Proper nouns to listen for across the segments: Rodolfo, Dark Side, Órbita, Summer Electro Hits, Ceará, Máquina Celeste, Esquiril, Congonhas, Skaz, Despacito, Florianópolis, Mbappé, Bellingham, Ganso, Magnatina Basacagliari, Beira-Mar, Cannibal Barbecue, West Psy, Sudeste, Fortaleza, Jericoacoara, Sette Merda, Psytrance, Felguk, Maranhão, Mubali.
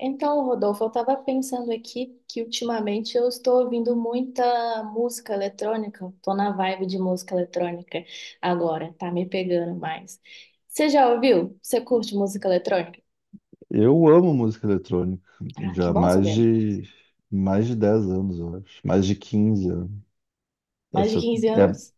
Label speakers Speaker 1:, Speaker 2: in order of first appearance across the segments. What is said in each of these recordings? Speaker 1: Então, Rodolfo, eu estava pensando aqui que ultimamente eu estou ouvindo muita música eletrônica, estou na vibe de música eletrônica agora, tá me pegando mais. Você já ouviu? Você curte música eletrônica?
Speaker 2: Eu amo música eletrônica,
Speaker 1: Ah,
Speaker 2: já
Speaker 1: que
Speaker 2: há
Speaker 1: bom saber.
Speaker 2: mais de 10 anos, eu acho. Mais de 15 anos. É,
Speaker 1: Mais de
Speaker 2: se eu,
Speaker 1: 15 anos?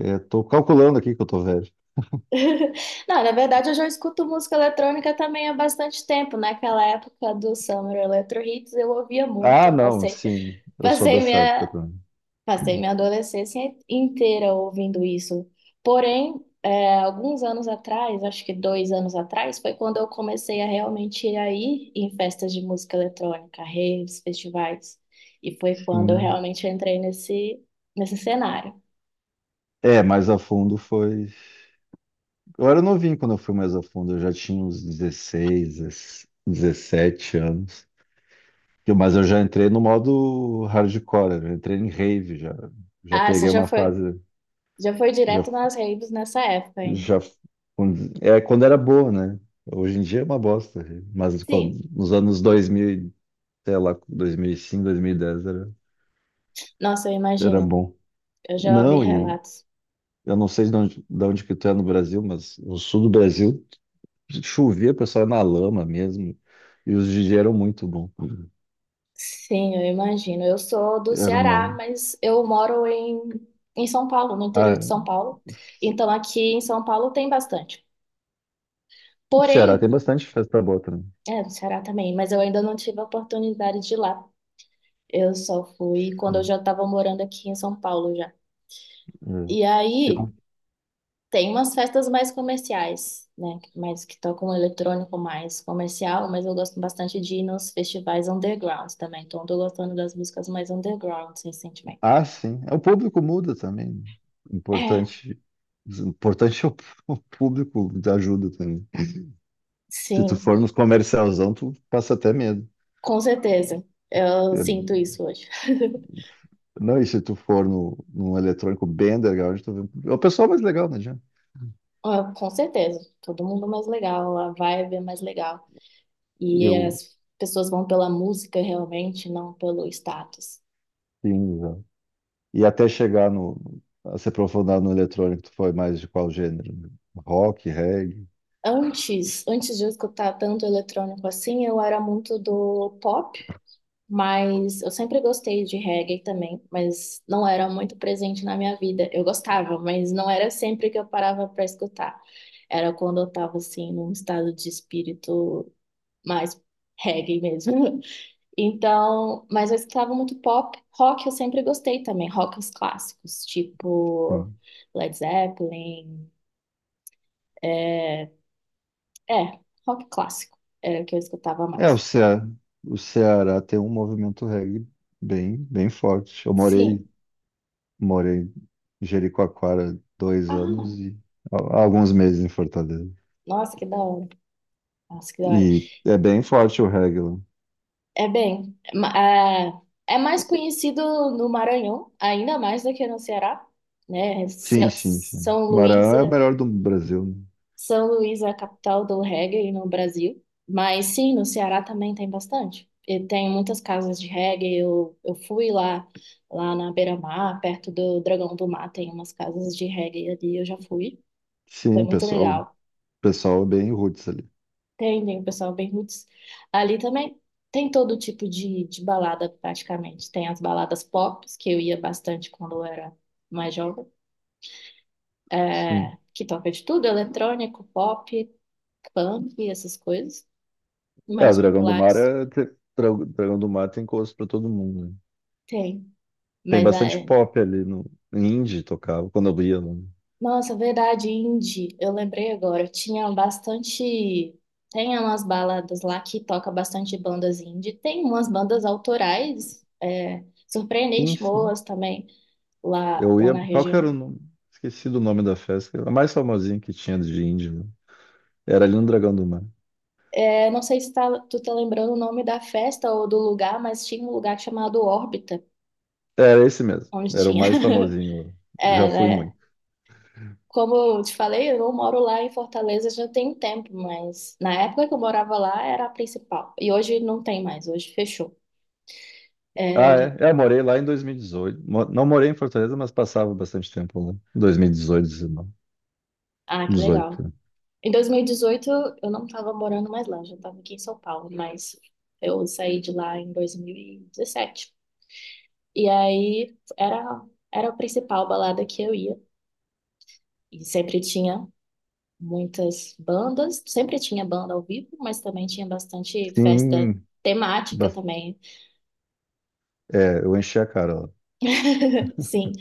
Speaker 2: é, é, tô calculando aqui que eu tô velho.
Speaker 1: Não, na verdade eu já escuto música eletrônica também há bastante tempo. Naquela época do Summer Electro Hits eu ouvia
Speaker 2: Ah,
Speaker 1: muito,
Speaker 2: não, sim, eu sou
Speaker 1: passei
Speaker 2: dessa época
Speaker 1: minha
Speaker 2: também.
Speaker 1: Passei minha adolescência inteira ouvindo isso. Porém, alguns anos atrás, acho que dois anos atrás, foi quando eu comecei a realmente ir aí em festas de música eletrônica, raves, festivais. E foi quando eu
Speaker 2: Sim.
Speaker 1: realmente entrei nesse cenário.
Speaker 2: É, mais a fundo foi. Eu era novinho quando eu fui mais a fundo, eu já tinha uns 16, 17 anos. Mas eu já entrei no modo hardcore, eu já entrei em rave, já
Speaker 1: Ah, você
Speaker 2: peguei uma fase.
Speaker 1: já foi
Speaker 2: Já,
Speaker 1: direto nas raves nessa época, hein?
Speaker 2: já, é quando era boa, né? Hoje em dia é uma bosta, mas quando,
Speaker 1: Sim.
Speaker 2: nos anos 2000 e, sei lá, 2005, dez
Speaker 1: Nossa, eu
Speaker 2: era
Speaker 1: imagino.
Speaker 2: bom.
Speaker 1: Eu já ouvi
Speaker 2: Não, e
Speaker 1: relatos.
Speaker 2: eu não sei de onde que tu é no Brasil, mas no sul do Brasil chovia, o pessoal ia na lama mesmo, e os DJs eram muito bons.
Speaker 1: Sim, eu imagino. Eu sou do
Speaker 2: Era
Speaker 1: Ceará,
Speaker 2: uma.
Speaker 1: mas em São Paulo, no interior de
Speaker 2: Ah,
Speaker 1: São Paulo. Então aqui em São Paulo tem bastante.
Speaker 2: Ceará tem
Speaker 1: Porém,
Speaker 2: bastante festa boa também.
Speaker 1: no Ceará também, mas eu ainda não tive a oportunidade de ir lá. Eu só fui quando eu
Speaker 2: Hum,
Speaker 1: já estava morando aqui em São Paulo já. E aí
Speaker 2: é.
Speaker 1: tem umas festas mais comerciais, né? Mais que tocam eletrônico, mais comercial, mas eu gosto bastante de ir nos festivais underground também. Então eu tô gostando das músicas mais underground recentemente.
Speaker 2: Ah, sim. É, o público muda também.
Speaker 1: É,
Speaker 2: Importante, importante é o o público te ajuda também. Se tu
Speaker 1: sim.
Speaker 2: for nos comercialzão, tu passa até medo.
Speaker 1: Com certeza. Eu
Speaker 2: É,
Speaker 1: sinto isso hoje.
Speaker 2: não, e se tu for no, num eletrônico bem underground, é o pessoal mais legal, não adianta.
Speaker 1: Ah, com certeza. Todo mundo mais legal, a vibe é mais legal. E
Speaker 2: Eu,
Speaker 1: as pessoas vão pela música realmente, não pelo status.
Speaker 2: sim, exato. E até chegar a se aprofundar no eletrônico, tu foi mais de qual gênero? Rock, reggae?
Speaker 1: Antes de eu escutar tanto eletrônico assim, eu era muito do pop, mas eu sempre gostei de reggae também, mas não era muito presente na minha vida. Eu gostava, mas não era sempre que eu parava para escutar. Era quando eu tava assim num estado de espírito mais reggae mesmo. Então, mas eu escutava muito pop, rock eu sempre gostei também, rock os clássicos, tipo
Speaker 2: Hum.
Speaker 1: Led Zeppelin, é, é, rock clássico era o que eu escutava
Speaker 2: É,
Speaker 1: mais.
Speaker 2: O Ceará tem um movimento reggae bem, bem forte. Eu morei
Speaker 1: Sim.
Speaker 2: Morei em Jericoacoara dois
Speaker 1: Ah,
Speaker 2: anos e alguns meses em Fortaleza.
Speaker 1: nossa, que da hora. Nossa, que da hora.
Speaker 2: E é bem forte o reggae lá.
Speaker 1: É bem, ma- é, é mais conhecido no Maranhão, ainda mais do que no Ceará, né?
Speaker 2: Sim, sim, sim. Maranhão é o melhor do Brasil, né?
Speaker 1: São Luís é a capital do reggae no Brasil, mas sim, no Ceará também tem bastante. E tem muitas casas de reggae. Eu fui lá na Beira-Mar, perto do Dragão do Mar, tem umas casas de reggae ali, eu já fui. Foi
Speaker 2: Sim,
Speaker 1: muito legal.
Speaker 2: pessoal é bem roots ali.
Speaker 1: Tem o pessoal bem roots. Ali também tem todo tipo de balada, praticamente. Tem as baladas pop, que eu ia bastante quando eu era mais jovem,
Speaker 2: Sim.
Speaker 1: que toca de tudo, eletrônico, pop, punk, essas coisas
Speaker 2: É, o
Speaker 1: mais
Speaker 2: Dragão do Mar
Speaker 1: populares.
Speaker 2: tem gosto pra todo mundo, né?
Speaker 1: Tem.
Speaker 2: Tem
Speaker 1: Mas
Speaker 2: bastante
Speaker 1: é.
Speaker 2: pop ali no indie tocava quando eu ia, né?
Speaker 1: Nossa, verdade, indie. Eu lembrei agora. Tinha bastante. Tem umas baladas lá que toca bastante bandas indie. Tem umas bandas autorais,
Speaker 2: Sim,
Speaker 1: surpreendente
Speaker 2: sim.
Speaker 1: boas também, lá,
Speaker 2: Eu
Speaker 1: lá
Speaker 2: ia,
Speaker 1: na
Speaker 2: qual que era o
Speaker 1: região.
Speaker 2: nome? Esqueci do nome da festa, a mais famosinha que tinha de indie, né? Era ali no Dragão do Mar.
Speaker 1: É, não sei se tu tá lembrando o nome da festa ou do lugar, mas tinha um lugar chamado Órbita,
Speaker 2: Era esse mesmo.
Speaker 1: onde
Speaker 2: Era o
Speaker 1: tinha.
Speaker 2: mais famosinho. Já
Speaker 1: É,
Speaker 2: fui
Speaker 1: né?
Speaker 2: muito.
Speaker 1: Como eu te falei, eu não moro lá em Fortaleza já tem tempo, mas na época que eu morava lá era a principal. E hoje não tem mais, hoje fechou.
Speaker 2: Ah,
Speaker 1: É, já...
Speaker 2: é. É, eu morei lá em 2018. Não morei em Fortaleza, mas passava bastante tempo lá. 2018, 19,
Speaker 1: Ah, que
Speaker 2: 18,
Speaker 1: legal.
Speaker 2: né?
Speaker 1: Em 2018 eu não estava morando mais lá, eu já estava aqui em São Paulo, mas eu saí de lá em 2017. E dezessete. E aí era a principal balada que eu ia. E sempre tinha muitas bandas, sempre tinha banda ao vivo, mas também tinha bastante festa
Speaker 2: Sim.
Speaker 1: temática
Speaker 2: ba-
Speaker 1: também.
Speaker 2: É, eu enchi a cara lá.
Speaker 1: Sim.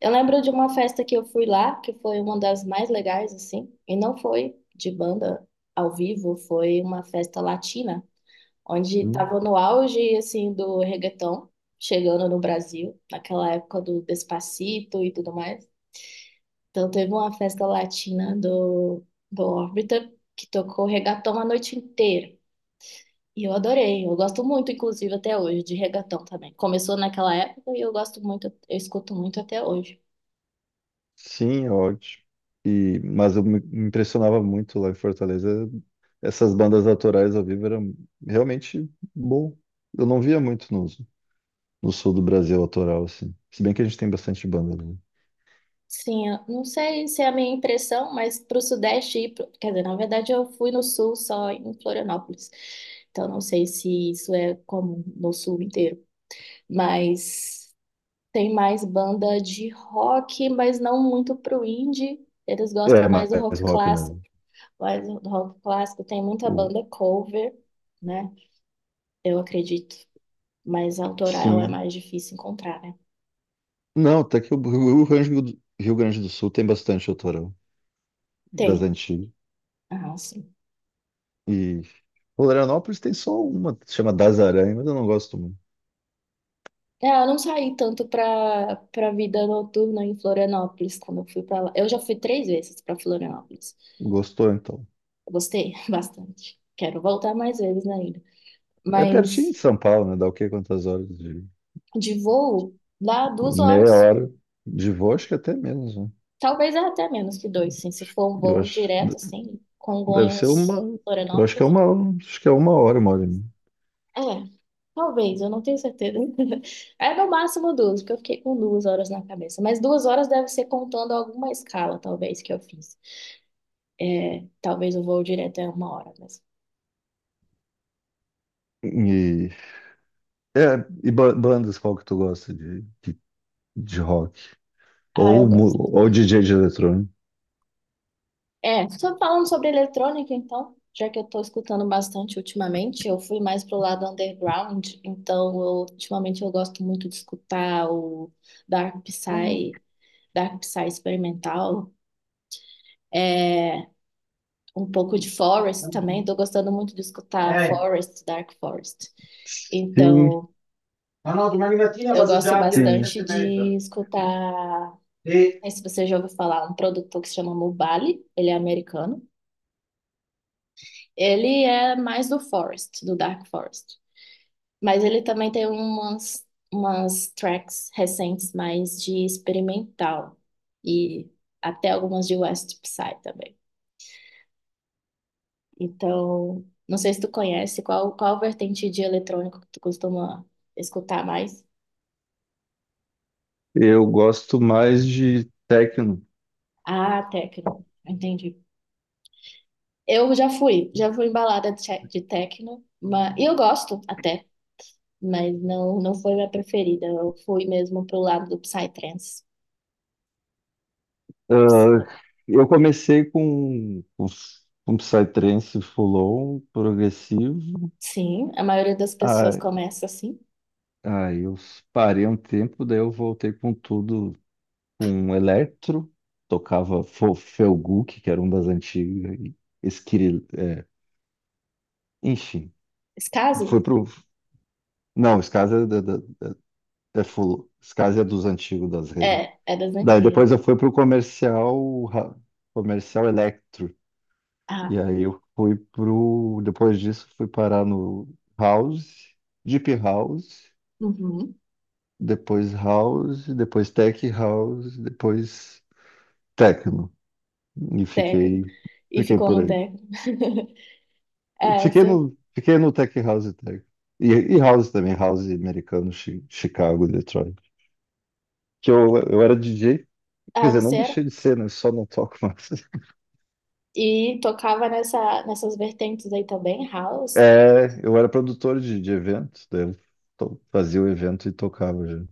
Speaker 1: Eu lembro de uma festa que eu fui lá, que foi uma das mais legais, assim, e não foi de banda ao vivo, foi uma festa latina, onde
Speaker 2: Hum.
Speaker 1: estava no auge, assim, do reggaeton, chegando no Brasil, naquela época do Despacito e tudo mais. Então teve uma festa latina do Orbiter, que tocou reggaeton a noite inteira. E eu adorei, eu gosto muito, inclusive, até hoje, de reggaeton também. Começou naquela época e eu gosto muito, eu escuto muito até hoje.
Speaker 2: Sim, é ótimo. Mas eu me impressionava muito lá em Fortaleza. Essas bandas autorais ao vivo eram realmente bom. Eu não via muito no sul do Brasil autoral, assim. Se bem que a gente tem bastante banda, né?
Speaker 1: Sim, eu não sei se é a minha impressão, mas para o Sudeste, quer dizer, na verdade eu fui no Sul só em Florianópolis, então não sei se isso é comum no Sul inteiro, mas tem mais banda de rock, mas não muito pro indie, eles
Speaker 2: É
Speaker 1: gostam mais do
Speaker 2: mais
Speaker 1: rock
Speaker 2: rock
Speaker 1: clássico,
Speaker 2: mesmo.
Speaker 1: mas o rock clássico tem muita
Speaker 2: O,
Speaker 1: banda cover, né? Eu acredito, mas autoral é
Speaker 2: Sim.
Speaker 1: mais difícil encontrar, né?
Speaker 2: Não, até que o Rio Grande do Sul tem bastante autorão das
Speaker 1: Tem,
Speaker 2: antigas.
Speaker 1: ah, sim.
Speaker 2: E Florianópolis tem só uma, que se chama Das Aranhas, mas eu não gosto muito.
Speaker 1: É, eu não saí tanto para vida noturna em Florianópolis quando eu fui para lá. Eu já fui três vezes para Florianópolis.
Speaker 2: Gostou, então.
Speaker 1: Eu gostei bastante. Quero voltar mais vezes ainda.
Speaker 2: É pertinho de
Speaker 1: Mas
Speaker 2: São Paulo, né? Dá o quê? Quantas horas de.
Speaker 1: de voo, lá duas
Speaker 2: Meia
Speaker 1: horas.
Speaker 2: hora de voo, acho que até menos, né?
Speaker 1: Talvez é até menos que dois, sim. Se for um
Speaker 2: Eu
Speaker 1: voo
Speaker 2: acho.
Speaker 1: direto, assim,
Speaker 2: Deve ser
Speaker 1: Congonhas,
Speaker 2: uma. Eu acho que é
Speaker 1: Florianópolis.
Speaker 2: uma. Acho que é uma hora e meia.
Speaker 1: É, talvez, eu não tenho certeza. É no máximo duas, porque eu fiquei com duas horas na cabeça. Mas duas horas deve ser contando alguma escala, talvez, que eu fiz. É, talvez o voo direto é uma hora, mas.
Speaker 2: E, é, bandas, qual que tu gosta de rock?
Speaker 1: Ah,
Speaker 2: Ou,
Speaker 1: eu
Speaker 2: mu-
Speaker 1: gosto.
Speaker 2: ou DJ de eletrônico?
Speaker 1: É, só falando sobre eletrônica, então, já que eu tô escutando bastante ultimamente, eu fui mais pro lado underground, então eu, ultimamente eu gosto muito de escutar o Dark Psy, Dark Psy experimental, é, um pouco de Forest também, tô gostando muito de escutar Forest, Dark Forest.
Speaker 2: Sim,
Speaker 1: Então,
Speaker 2: Arnoldo, Magnatina
Speaker 1: eu gosto
Speaker 2: Basacagliari e sim.
Speaker 1: bastante
Speaker 2: Sette Merda.
Speaker 1: de escutar
Speaker 2: E
Speaker 1: sei se você já ouviu falar, um produtor que se chama Mubali, ele é americano. Ele é mais do Forest, do Dark Forest. Mas ele também tem umas tracks recentes mais de experimental. E até algumas de West Psy também. Então, não sei se tu conhece, qual vertente de eletrônico que tu costuma escutar mais?
Speaker 2: Eu gosto mais de techno.
Speaker 1: Ah, techno. Entendi. Eu já fui embalada de techno, mas e eu gosto até, mas não foi minha preferida. Eu fui mesmo pro lado do Psytrance.
Speaker 2: Ah, eu comecei com Psytrance full-on, progressivo.
Speaker 1: Sim, a maioria das pessoas
Speaker 2: Ah,
Speaker 1: começa assim.
Speaker 2: aí eu parei um tempo, daí eu voltei com tudo, com electro. Tocava Felguk, que era um das antigas, e Esquiril, enfim,
Speaker 1: Esse
Speaker 2: foi
Speaker 1: caso
Speaker 2: pro. Não, Skaz é full, Skaz é dos antigos das redes.
Speaker 1: é, é das
Speaker 2: Daí
Speaker 1: antigas.
Speaker 2: depois eu fui pro comercial, comercial Electro.
Speaker 1: Ah,
Speaker 2: E aí eu depois disso fui parar no House, Deep
Speaker 1: uhum,
Speaker 2: House, depois Tech House, depois Techno. E
Speaker 1: técnico.
Speaker 2: fiquei,
Speaker 1: E
Speaker 2: fiquei
Speaker 1: ficou
Speaker 2: por
Speaker 1: no
Speaker 2: aí.
Speaker 1: técnico.
Speaker 2: Fiquei
Speaker 1: Essa.
Speaker 2: no, fiquei no Tech House e Tech. E, e House também, House americano, Chicago, Detroit. Que eu era DJ, quer
Speaker 1: Ah,
Speaker 2: dizer, não
Speaker 1: você era?
Speaker 2: deixei de ser, né? Só não toco mais.
Speaker 1: E tocava nessa, nessas vertentes aí também, house.
Speaker 2: É, eu era produtor de eventos, daí eu fazia o evento e tocava já.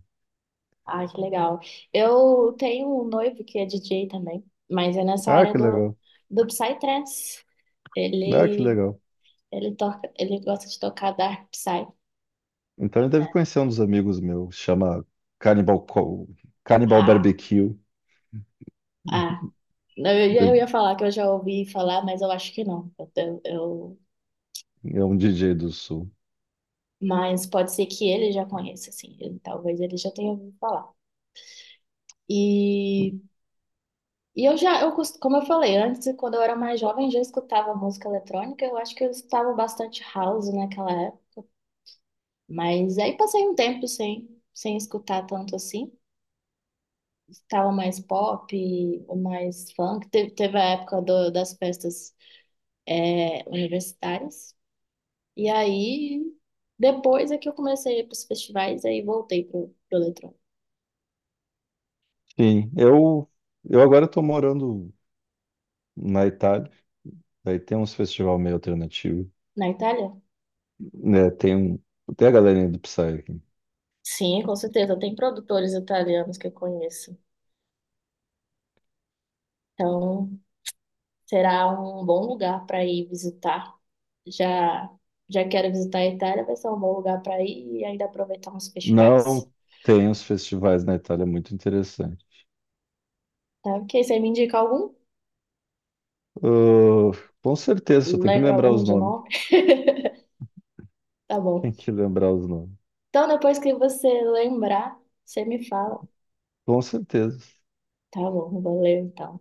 Speaker 1: Ah, que legal. Eu tenho um noivo que é DJ também, mas é nessa
Speaker 2: Ah,
Speaker 1: área
Speaker 2: que legal.
Speaker 1: do Psytrance.
Speaker 2: Ah, que
Speaker 1: Ele
Speaker 2: legal.
Speaker 1: Ele toca, ele gosta de tocar Dark Side,
Speaker 2: Então ele
Speaker 1: né?
Speaker 2: deve conhecer um dos amigos meus, chama Cannibal, Co- Cannibal
Speaker 1: Ha,
Speaker 2: Barbecue,
Speaker 1: ah. Não, eu ia, eu
Speaker 2: de-
Speaker 1: ia falar que eu já ouvi falar, mas eu acho que não.
Speaker 2: é um DJ do Sul.
Speaker 1: Mas pode ser que ele já conheça, assim. Talvez ele já tenha ouvido falar. E, e eu já, eu, como eu falei, antes, quando eu era mais jovem, já escutava música eletrônica. Eu acho que eu escutava bastante house naquela época. Mas aí passei um tempo sem escutar tanto assim. Estava mais pop, mais funk. Teve a época das festas universitárias. E aí, depois é que eu comecei a ir para os festivais, aí voltei para o eletrônico.
Speaker 2: Sim, eu agora estou morando na Itália, daí tem uns festival meio alternativo,
Speaker 1: Na Itália?
Speaker 2: né, tem a galerinha do Psy aqui.
Speaker 1: Sim, com certeza. Tem produtores italianos que eu conheço. Então, será um bom lugar para ir visitar. Já, já quero visitar a Itália, vai ser um bom lugar para ir e ainda aproveitar uns festivais.
Speaker 2: Não tem uns festivais na Itália muito interessantes.
Speaker 1: Tá? Ok, você me indica algum?
Speaker 2: Ah, com certeza, só tem que me
Speaker 1: Lembra
Speaker 2: lembrar
Speaker 1: algum
Speaker 2: os
Speaker 1: de
Speaker 2: nomes.
Speaker 1: nome? Tá bom.
Speaker 2: Tem que lembrar os nomes.
Speaker 1: Então, depois que você lembrar, você me fala.
Speaker 2: Com certeza.
Speaker 1: Tá bom, valeu então.